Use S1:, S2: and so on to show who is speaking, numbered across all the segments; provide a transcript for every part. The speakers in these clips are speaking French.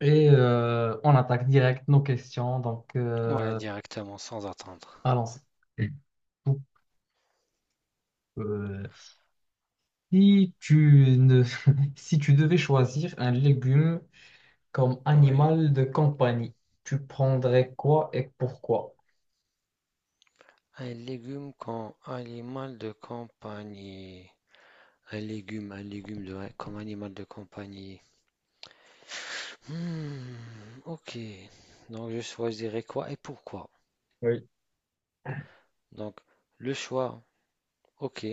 S1: On attaque direct nos questions.
S2: Ouais, directement, sans attendre.
S1: Allons-y. Donc, euh, si tu ne... Si tu devais choisir un légume comme
S2: Oui.
S1: animal de compagnie, tu prendrais quoi et pourquoi?
S2: Un légume comme animal de compagnie. Un légume de, comme animal de compagnie. Hmm, ok. Donc je choisirais quoi et pourquoi?
S1: Oui.
S2: Donc le choix, ok.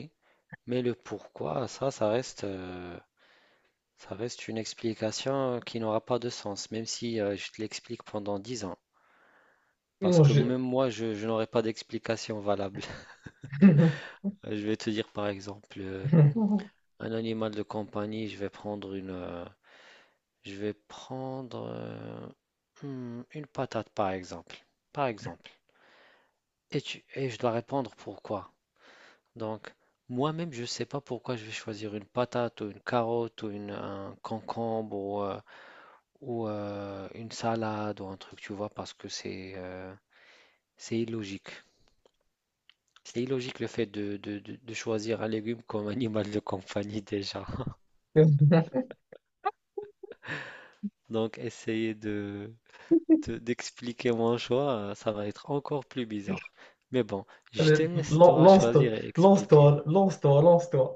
S2: Mais le pourquoi, ça, ça reste une explication qui n'aura pas de sens, même si je te l'explique pendant 10 ans. Parce
S1: Mon
S2: que
S1: Dieu.
S2: même moi, je n'aurai pas d'explication valable. Je vais te dire par exemple. Un animal de compagnie, je vais prendre je vais prendre une patate par exemple. Par exemple. Et je dois répondre pourquoi. Donc, moi-même, je ne sais pas pourquoi je vais choisir une patate ou une carotte ou un concombre ou une salade ou un truc, tu vois, parce que c'est illogique. C'est illogique le fait de choisir un légume comme animal de compagnie déjà. Donc, essayez de, d'expliquer mon choix, ça va être encore plus bizarre. Mais bon, je te
S1: Allez,
S2: laisse toi
S1: lance-toi,
S2: choisir et expliquer.
S1: lance-toi, lance-toi, lance-toi.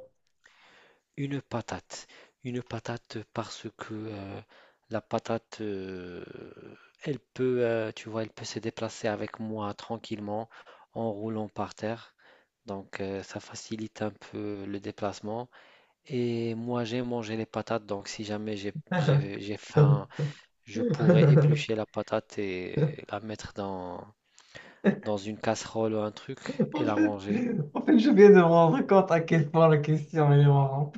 S2: Une patate. Une patate parce que la patate, elle peut, tu vois, elle peut se déplacer avec moi tranquillement en roulant par terre. Donc ça facilite un peu le déplacement. Et moi j'ai mangé les patates, donc si jamais j'ai faim, je pourrais éplucher la patate et la mettre dans une casserole ou un truc et
S1: En
S2: la
S1: fait,
S2: manger.
S1: en fait, je viens de me rendre compte à quel point la question elle est marrante.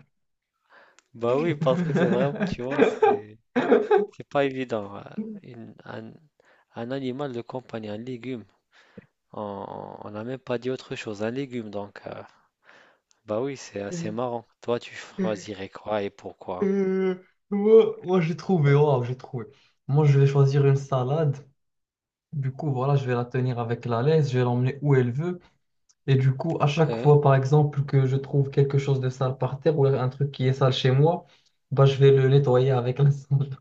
S2: Bah oui, parce que c'est vraiment, tu vois, c'est pas évident. Une- un, un animal de compagnie, un légume, on on n'a même pas dit autre chose, un légume, donc bah oui, c'est assez marrant. Toi, tu choisirais quoi et pourquoi?
S1: Euh, moi, j'ai trouvé, waouh, j'ai trouvé. Moi, je vais choisir une salade. Du coup, voilà, je vais la tenir avec la laisse, je vais l'emmener où elle veut. Et du coup, à chaque
S2: Hein.
S1: fois, par exemple, que je trouve quelque chose de sale par terre ou un truc qui est sale chez moi, bah, je vais le nettoyer avec la sonde.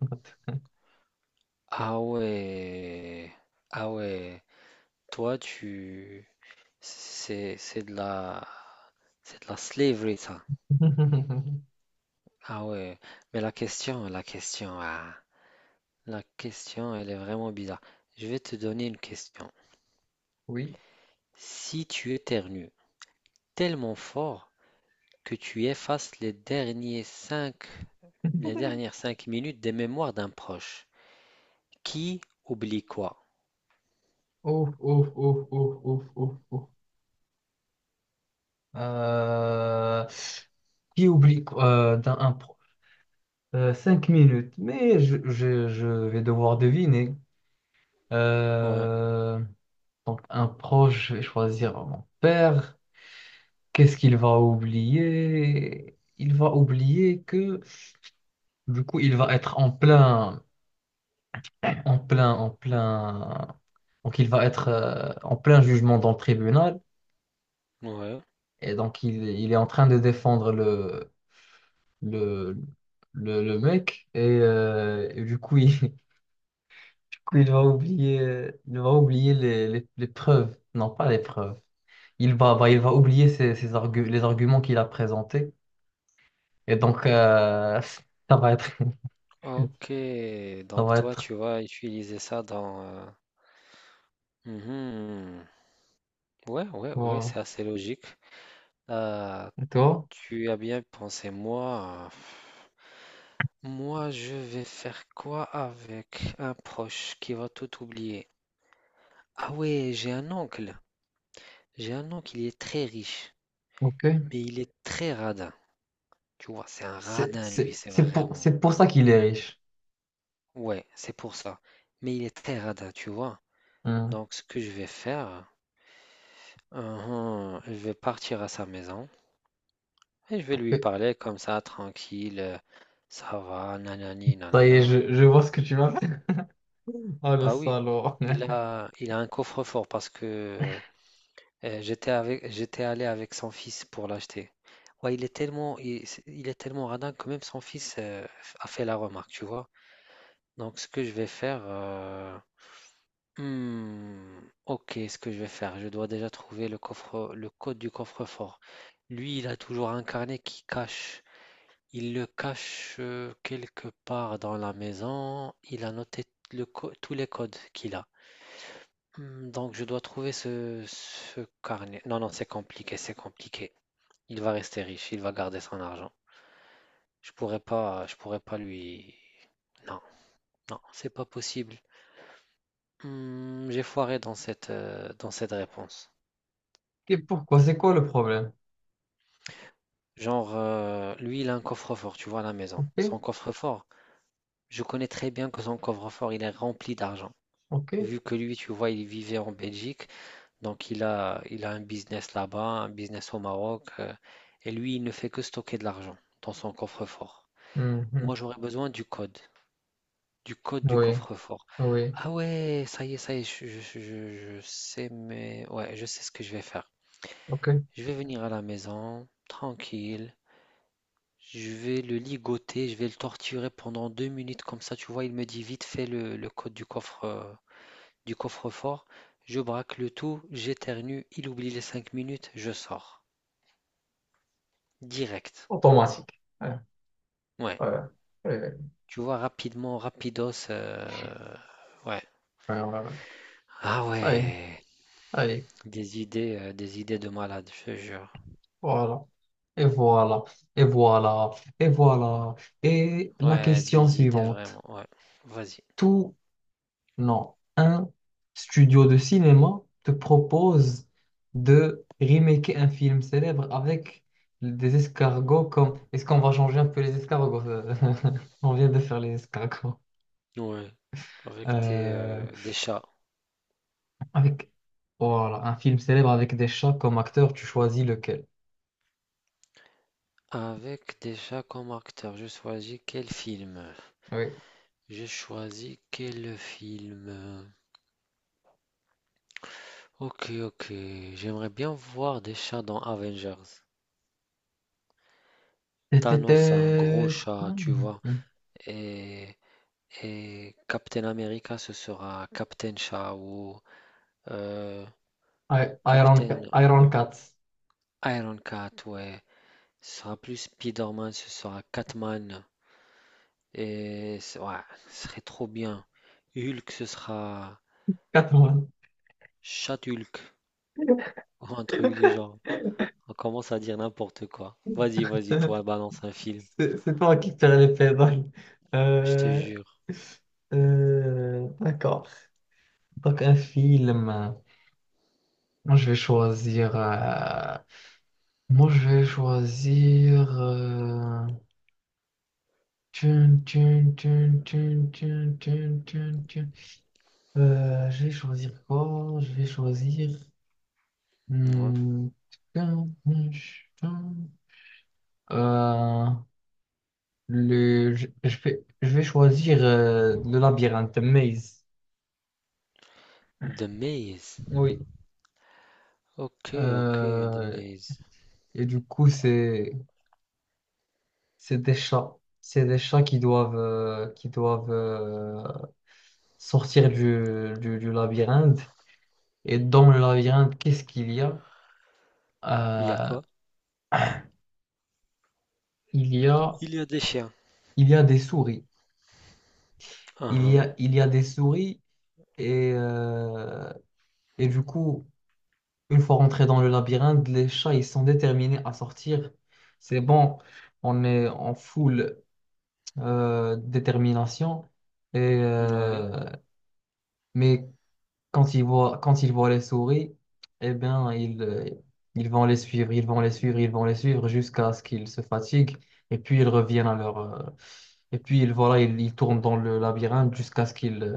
S2: Ah ouais, ah ouais, toi, tu c'est c'est de la c'est de la slavery ça. Ah ouais, mais la question, ah. La question, elle est vraiment bizarre. Je vais te donner une question.
S1: Oui.
S2: Si tu éternues tellement fort que tu effaces les dernières 5 minutes des mémoires d'un proche, qui oublie quoi?
S1: Ouf, ouf, ouf, ouf, ouf, ouf, ouf. Euh, Qui oublie dans un pro... 5 minutes, mais je vais devoir deviner.
S2: Ouais,
S1: Euh, Donc, un proche, je vais choisir mon père. Qu'est-ce qu'il va oublier? Il va oublier que... Du coup, il va être en plein... Donc, il va être en plein jugement dans le tribunal.
S2: ouais.
S1: Et donc, il est en train de défendre le, le mec. Et du coup, du coup, il va oublier les preuves. Non, pas les preuves. Il va, bah, il va oublier les arguments qu'il a présentés. Et donc, euh, ça va être.
S2: Ok,
S1: Ça
S2: donc
S1: va
S2: toi,
S1: être.
S2: tu vas utiliser ça dans... mhm. Ouais, ouais, ouais,
S1: Voilà.
S2: c'est assez logique. Euh,
S1: Et toi?
S2: Tu as bien pensé, moi. Moi, je vais faire quoi avec un proche qui va tout oublier? Ah ouais, j'ai un oncle. J'ai un oncle, il est très riche,
S1: Ok.
S2: mais il est très radin. Tu vois, c'est un radin, lui, c'est vraiment.
S1: C'est pour ça qu'il est riche.
S2: Ouais, c'est pour ça. Mais il est très radin, tu vois.
S1: Hein.
S2: Donc, ce que je vais faire, uhum, je vais partir à sa maison et je vais lui parler comme ça, tranquille. Ça va, nanani,
S1: Ça y est,
S2: nanana.
S1: je vois ce que tu m'as fait. Ah, le
S2: Bah oui,
S1: salaud.
S2: il a un coffre-fort parce que j'étais allé avec son fils pour l'acheter. Ouais, il est tellement radin que même son fils a fait la remarque, tu vois. Donc ce que je vais faire, hmm, ok, ce que je vais faire, je dois déjà trouver le coffre, le code du coffre-fort. Lui, il a toujours un carnet qui cache, il le cache quelque part dans la maison. Il a noté tous les codes qu'il a. Donc je dois trouver ce carnet. Non, non, c'est compliqué, c'est compliqué. Il va rester riche, il va garder son argent. Je pourrais pas lui. Non, non, c'est pas possible. J'ai foiré dans dans cette réponse.
S1: Et pourquoi? C'est quoi le problème?
S2: Genre, lui, il a un coffre-fort, tu vois, à la maison.
S1: Ok,
S2: Son coffre-fort, je connais très bien que son coffre-fort, il est rempli d'argent.
S1: ok.
S2: Vu que lui, tu vois, il vivait en Belgique. Donc, il a un business là-bas, un business au Maroc, et lui, il ne fait que stocker de l'argent dans son coffre-fort.
S1: Mhm.
S2: Moi, j'aurais besoin du code, du code du
S1: Oui,
S2: coffre-fort.
S1: oui,
S2: Ah ouais, ça y est, je sais, mais ouais, je sais ce que je vais faire.
S1: ok.
S2: Je vais venir à la maison, tranquille. Je vais le ligoter, je vais le torturer pendant 2 minutes comme ça. Tu vois, il me dit vite fait le code du coffre, du coffre-fort. Je braque le tout, j'éternue, il oublie les 5 minutes, je sors. Direct.
S1: Automatique. Ouais,
S2: Ouais.
S1: ouais, ouais,
S2: Tu vois, rapidement, rapidos. Ouais.
S1: ouais, ouais, ouais, ouais.
S2: Ah
S1: Ça y est,
S2: ouais.
S1: ça y est.
S2: Des idées de malade, je te jure.
S1: Voilà. Et voilà, et voilà, et voilà. Et la
S2: Ouais,
S1: question
S2: des idées
S1: suivante.
S2: vraiment. Ouais. Vas-y.
S1: Tout Non, un studio de cinéma te propose de remaker un film célèbre avec des escargots comme... Est-ce qu'on va changer un peu les escargots? On vient de faire les escargots.
S2: Ouais. Avec
S1: Euh,
S2: des chats.
S1: Avec... Voilà, un film célèbre avec des chats comme acteurs, tu choisis lequel?
S2: Avec des chats comme acteur, je choisis quel film?
S1: Oui.
S2: J'ai choisi quel film? Ok, ok. J'aimerais bien voir des chats dans Avengers. Thanos a un gros
S1: Tétété.
S2: chat, tu vois.
S1: Hmm.
S2: Et Et Captain America, ce sera Captain Shaw ou euh,
S1: Iron,
S2: Captain
S1: Iron Cats.
S2: Ironcat, ouais. Ce sera plus Spider-Man, ce sera Catman. Ouais, ce serait trop bien. Hulk, ce sera
S1: Catwoman.
S2: Chat-Hulk ou un truc du genre. On commence à dire n'importe quoi. Vas-y, vas-y, toi, balance un film.
S1: C'est toi qui tire les pédales.
S2: Je te
S1: Euh,
S2: jure.
S1: d'accord. Donc un film. Moi je vais choisir. euh, Moi je vais choisir. Tun, tun, tun, tun, tun, tun, tun, tun. Je vais choisir quoi? Je vais choisir.
S2: Ouais.
S1: hmm, Tun, tun, tun. Euh, le, je vais, Je vais choisir le labyrinthe Maze.
S2: The Maze.
S1: Oui.
S2: Ok, ok, The
S1: Euh,
S2: Maze.
S1: et du coup, c'est des chats. C'est des chats qui doivent sortir du labyrinthe. Et dans le labyrinthe, qu'est-ce qu'il y a?
S2: Il y a
S1: Euh,
S2: quoi?
S1: il y a,
S2: Il y a des chiens.
S1: il y a des souris.
S2: Ah,
S1: Il y a des souris. Et, euh, et du coup, une fois rentrés dans le labyrinthe, les chats, ils sont déterminés à sortir. C'est bon, on est en full détermination. Et,
S2: ah, ouais.
S1: euh, Mais quand ils voient les souris, eh bien, ils vont les suivre, ils vont les suivre, ils vont les suivre jusqu'à ce qu'ils se fatiguent. Et puis, ils reviennent à leur... euh, et puis, ils tournent dans le labyrinthe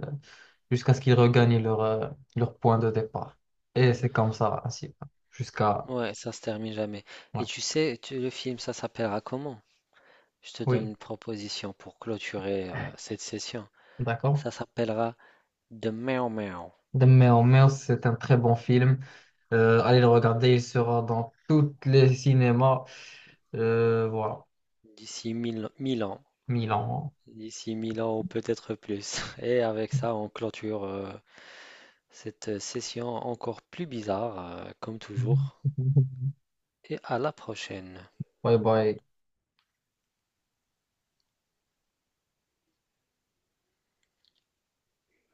S1: jusqu'à ce qu'ils regagnent leur point de départ. Et c'est comme ça, ainsi, jusqu'à...
S2: Ouais, ça se termine jamais.
S1: ouais.
S2: Le film, ça s'appellera comment? Je te donne
S1: Oui,
S2: une proposition pour clôturer cette session.
S1: d'accord.
S2: Ça s'appellera The Meow Meow.
S1: The Meow Meow, c'est un très bon film. Allez le regarder, il sera dans tous les cinémas. Voilà,
S2: D'ici 1000 1000 ans.
S1: Milan. Hein.
S2: D'ici 1000 ans ou peut-être plus. Et avec ça, on clôture cette session encore plus bizarre, comme toujours. Et à la prochaine.
S1: Bye bye.